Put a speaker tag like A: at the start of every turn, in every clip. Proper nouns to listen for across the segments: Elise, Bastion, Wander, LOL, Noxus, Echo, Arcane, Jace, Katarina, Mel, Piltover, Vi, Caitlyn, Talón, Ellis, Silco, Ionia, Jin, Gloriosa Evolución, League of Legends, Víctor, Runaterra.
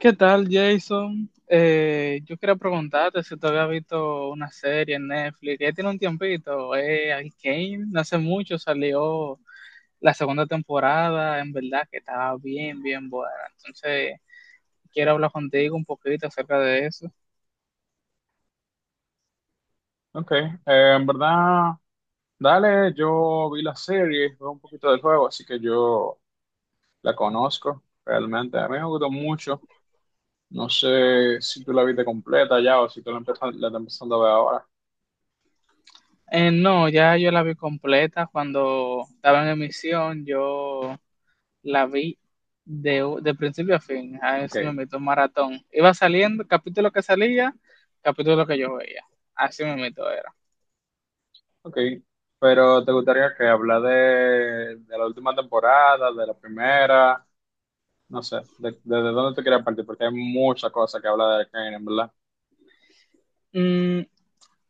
A: ¿Qué tal, Jason? Yo quería preguntarte si tú habías visto una serie en Netflix. Ya tiene un tiempito. Arcane, no hace mucho salió la segunda temporada. En verdad que estaba bien, bien buena. Entonces, quiero hablar contigo un poquito acerca de eso.
B: Ok, en verdad, dale, yo vi la serie, vi un poquito del juego, así que yo la conozco realmente. A mí me gustó mucho. No sé si tú la viste completa ya o si tú la empiezas, la estás empezando a ver ahora.
A: No, ya yo la vi completa cuando estaba en emisión. Yo la vi de principio a fin. A ver
B: Ok,
A: si me meto un maratón. Iba saliendo, capítulo que salía, capítulo que yo veía. Así me meto era.
B: ok. Pero ¿te gustaría que hablar de la última temporada, de la primera? No sé, desde dónde te quieres partir, porque hay muchas cosas que hablar de Arcane, en verdad.
A: Mm,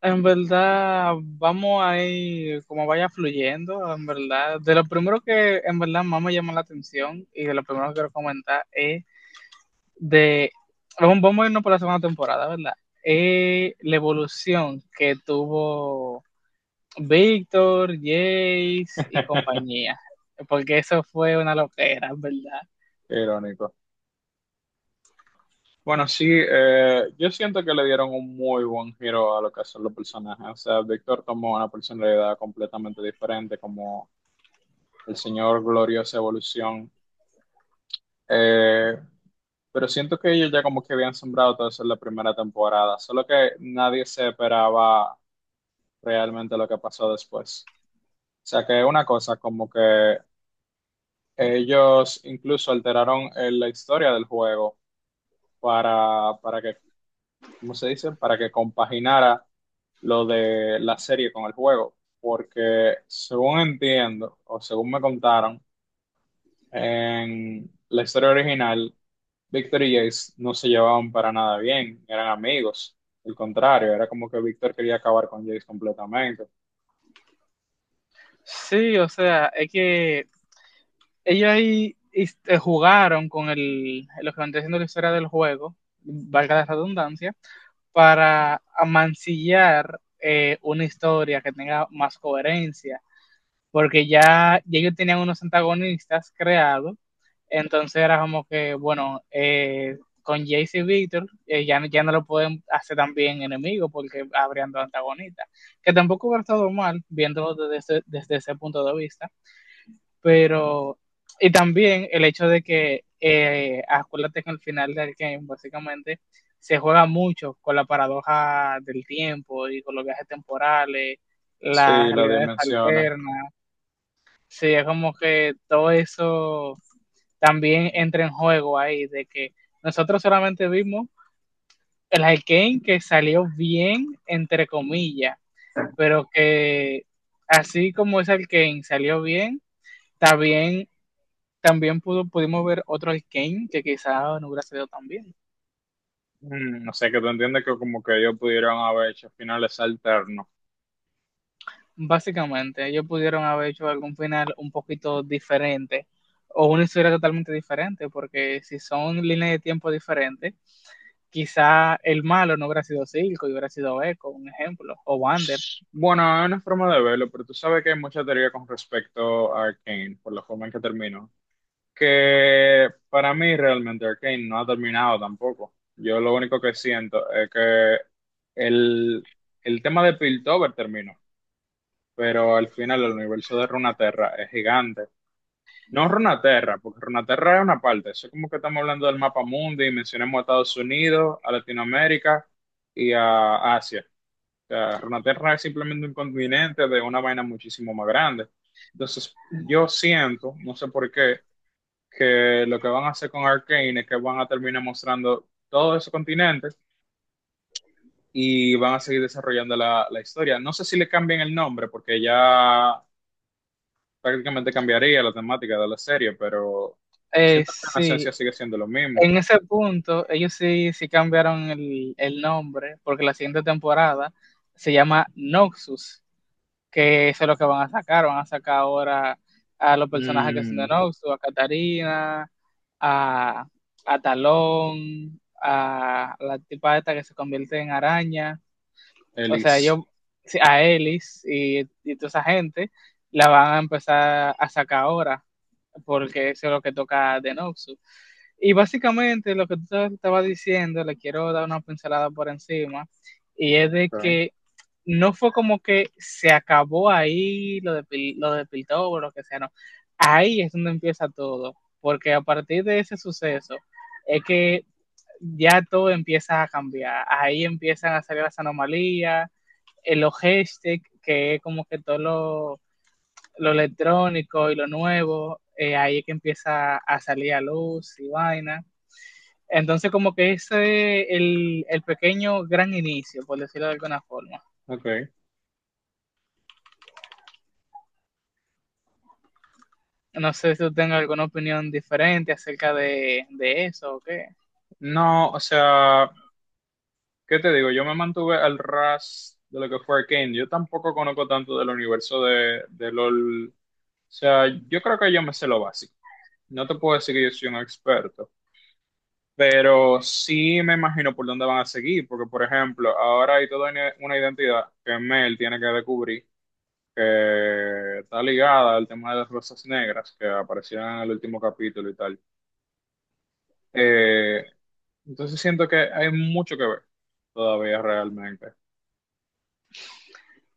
A: en verdad, vamos a ir como vaya fluyendo, en verdad. De lo primero que en verdad más me llama la atención y de lo primero que quiero comentar es de, vamos a irnos por la segunda temporada, ¿verdad? Es la evolución que tuvo Víctor, Jace y compañía, porque eso fue una loquera, ¿verdad?
B: Qué irónico. Bueno, sí, yo siento que le dieron un muy buen giro a lo que son los personajes. O sea, Víctor tomó una personalidad completamente diferente, como el señor Gloriosa Evolución. Eh, pero siento que ellos ya como que habían sembrado todo eso en la primera temporada, solo que nadie se esperaba realmente lo que pasó después. O sea, que una cosa como que ellos incluso alteraron la historia del juego para que ¿cómo se dice? Para que compaginara lo de la serie con el juego, porque según entiendo o según me contaron, en la historia original, Víctor y Jace no se llevaban para nada bien, eran amigos, al contrario, era como que Víctor quería acabar con Jace completamente.
A: Sí, o sea, es que ellos ahí este, jugaron con el, lo que van diciendo la historia del juego, valga la redundancia, para amancillar una historia que tenga más coherencia porque ya ellos tenían unos antagonistas creados, entonces era como que, bueno, con Jace y Victor ya no lo pueden hacer tan bien enemigo porque habrían dos antagonistas, que tampoco hubiera estado mal viéndolo desde ese punto de vista, pero, y también el hecho de que, acuérdate que al final del game, básicamente, se juega mucho con la paradoja del tiempo y con los viajes temporales, las
B: Sí, las
A: realidades
B: dimensiones.
A: alternas, sería como que todo eso también entra en juego ahí, de que nosotros solamente vimos el Arkane que salió bien, entre comillas, pero que así como ese Arkane salió bien, también, también pudimos ver otro Arkane que quizás no hubiera salido tan bien.
B: Mm, o sea que tú entiendes que como que ellos pudieron haber hecho finales alternos.
A: Básicamente, ellos pudieron haber hecho algún final un poquito diferente o una historia totalmente diferente, porque si son líneas de tiempo diferentes, quizá el malo no hubiera sido Silco y hubiera sido Echo, un ejemplo, o Wander.
B: Bueno, es una forma de verlo, pero tú sabes que hay mucha teoría con respecto a Arcane, por la forma en que terminó. Que para mí realmente Arcane no ha terminado tampoco. Yo lo único que siento es que el, el tema de Piltover terminó, pero al final el universo de Runaterra es gigante. No Runaterra, porque Runaterra es una parte. Eso es como que estamos hablando del mapa mundi y mencionamos a Estados Unidos, a Latinoamérica y a Asia sea, Runaterra es simplemente un continente de una vaina muchísimo más grande. Entonces, yo siento, no sé por qué, que lo que van a hacer con Arcane es que van a terminar mostrando todos esos continentes y van a seguir desarrollando la historia. No sé si le cambian el nombre, porque ya prácticamente cambiaría la temática de la serie, pero siento que en
A: Sí,
B: esencia sigue siendo lo mismo.
A: en ese punto ellos sí cambiaron el nombre porque la siguiente temporada se llama Noxus, que eso es lo que van a sacar ahora a los personajes que son de
B: Mm.
A: Noxus, a Katarina, a, a Talón, a la tipa esta que se convierte en araña. O sea,
B: Elise.
A: ellos, sí, a Ellis y toda esa gente, la van a empezar a sacar ahora, porque eso es lo que toca de Noxus. Y básicamente lo que tú estabas diciendo, le quiero dar una pincelada por encima, y es de
B: Ok.
A: que no fue como que se acabó ahí lo lo de Piltover o lo que sea, no. Ahí es donde empieza todo, porque a partir de ese suceso es que ya todo empieza a cambiar. Ahí empiezan a salir las anomalías, en los hashtags, que es como que todo lo electrónico y lo nuevo, ahí es que empieza a salir a luz y vaina. Entonces, como que ese es el pequeño gran inicio, por decirlo de alguna forma.
B: Ok.
A: No sé si tú tengas alguna opinión diferente acerca de eso o qué.
B: No, o sea. ¿Qué te digo? Yo me mantuve al ras de lo que fue Arcane. Yo tampoco conozco tanto del universo de LOL. O sea, yo creo que yo me sé lo básico. No te puedo decir que yo soy un experto, pero sí me imagino por dónde van a seguir, porque por ejemplo, ahora hay toda una identidad que Mel tiene que descubrir, que está ligada al tema de las rosas negras que aparecieron en el último capítulo y tal. Eh, entonces siento que hay mucho que ver todavía realmente.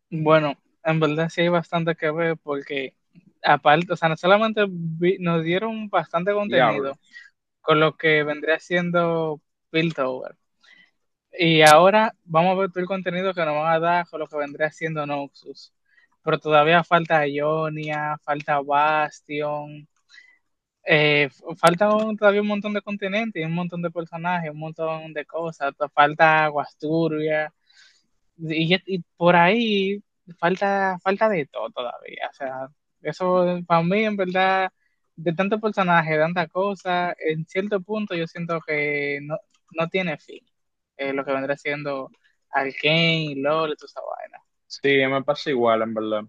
A: Bueno, en verdad sí hay bastante que ver porque aparte, o sea, no solamente nos dieron bastante
B: Diablo.
A: contenido con lo que vendría siendo Piltover, y ahora vamos a ver todo el contenido que nos van a dar con lo que vendría haciendo Noxus. Pero todavía falta Ionia, falta Bastion, eh, todavía un montón de continentes, un montón de personajes, un montón de cosas. Falta Aguasturia, y por ahí falta de todo todavía. O sea, eso para mí, en verdad, de tanto personaje, de tanta cosa, en cierto punto yo siento que no, no tiene fin. Lo que vendrá siendo Arkane, LOL y toda esa vaina.
B: Sí, me pasa igual, en verdad.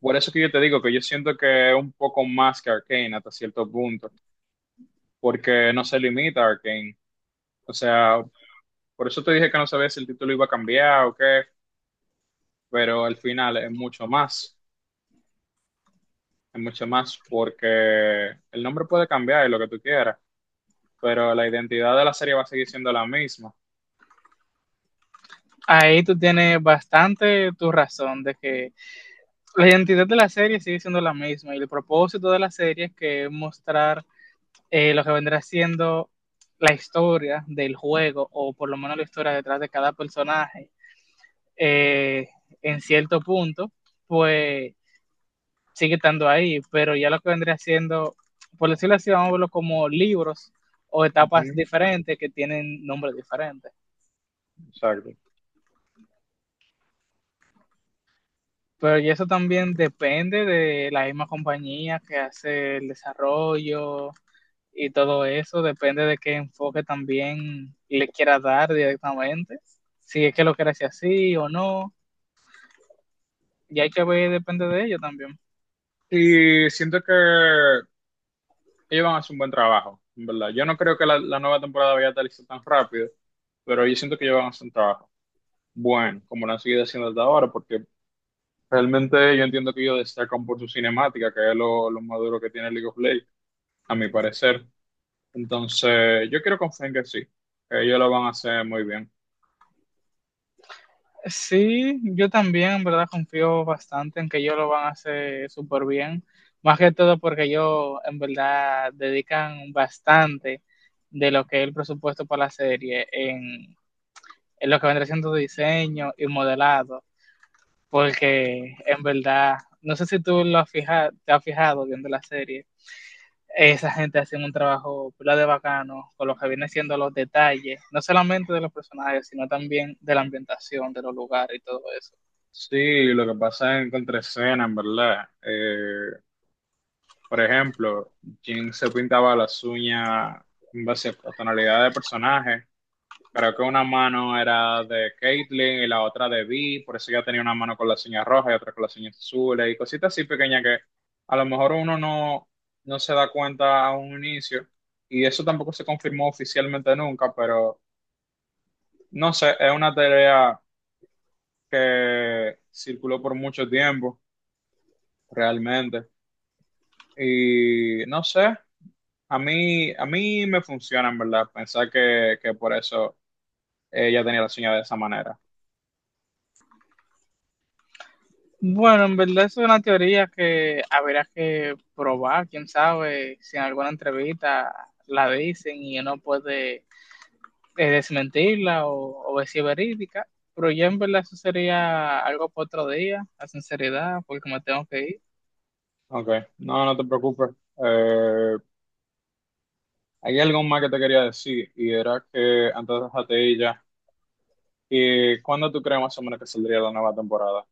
B: Por eso que yo te digo que yo siento que es un poco más que Arcane hasta cierto punto, porque no se limita a Arcane. O sea, por eso te dije que no sabía si el título iba a cambiar o qué, pero al final es mucho más, porque el nombre puede cambiar y lo que tú quieras, pero la identidad de la serie va a seguir siendo la misma.
A: Ahí tú tienes bastante tu razón de que la identidad de la serie sigue siendo la misma y el propósito de la serie es que mostrar lo que vendrá siendo la historia del juego, o por lo menos la historia detrás de cada personaje, eh, en cierto punto, pues sigue estando ahí, pero ya lo que vendría siendo, por decirlo así, vamos a verlo como libros o etapas
B: Ujú,
A: diferentes que tienen nombres diferentes.
B: exacto.
A: Pero y eso también depende de la misma compañía que hace el desarrollo, y todo eso, depende de qué enfoque también le quiera dar directamente, si es que lo quiere hacer así o no, y hay que ver, depende de ello también.
B: Y siento que ellos van a hacer un buen trabajo, en verdad. Yo no creo que la nueva temporada vaya a estar tan rápido, pero yo siento que ellos van a hacer un trabajo bueno, como lo han seguido haciendo hasta ahora, porque realmente yo entiendo que ellos destacan por su cinemática, que es lo más duro que tiene League of Legends, a mi parecer. Entonces, yo quiero confiar en que sí, que ellos lo van a hacer muy bien.
A: Sí, yo también, en verdad, confío bastante en que ellos lo van a hacer súper bien, más que todo porque ellos, en verdad, dedican bastante de lo que es el presupuesto para la serie en lo que vendrá siendo diseño y modelado, porque en verdad, no sé si tú lo has fijado, te has fijado viendo la serie, esa gente hace un trabajo pila de bacano con lo que viene siendo los detalles, no solamente de los personajes, sino también de la ambientación, de los lugares y todo eso.
B: Sí, lo que pasa es en contraescena, en verdad. Por ejemplo, Jin se pintaba las uñas en base a tonalidad de personaje. Creo que una mano era de Caitlyn y la otra de Vi, por eso ella tenía una mano con la señal roja y otra con la señal azul y cositas así pequeñas que a lo mejor uno no, no se da cuenta a un inicio y eso tampoco se confirmó oficialmente nunca, pero no sé, es una teoría que circuló por mucho tiempo realmente y no sé, a mí me funciona en verdad pensar que por eso ella tenía la señal de esa manera.
A: Bueno, en verdad es una teoría que habrá que probar, quién sabe, si en alguna entrevista la dicen y uno puede desmentirla o ver si es verídica, pero ya en verdad eso sería algo para otro día, la sinceridad, porque me tengo que ir.
B: Ok, no, no te preocupes. Eh, hay algo más que te quería decir y era que antes de ella, ¿y cuándo tú crees más o menos que saldría la nueva temporada?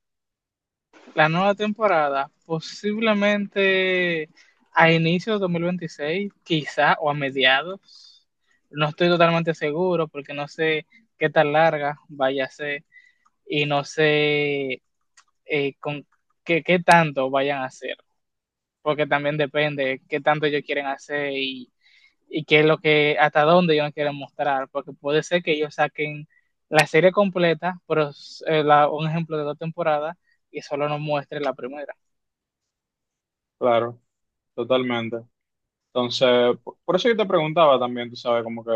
A: La nueva temporada, posiblemente a inicios de 2026, quizá, o a mediados. No estoy totalmente seguro porque no sé qué tan larga vaya a ser y no sé con qué, qué tanto vayan a hacer, porque también depende qué tanto ellos quieren hacer y qué es lo que, hasta dónde ellos quieren mostrar, porque puede ser que ellos saquen la serie completa, pero un ejemplo de dos temporadas y solo nos muestre la primera.
B: Claro, totalmente. Entonces, por eso yo te preguntaba también, tú sabes, como que,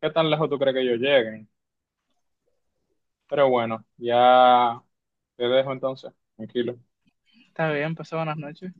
B: ¿qué tan lejos tú crees que ellos lleguen? Pero bueno, ya te dejo entonces, tranquilo.
A: Está bien, pasa buenas noches.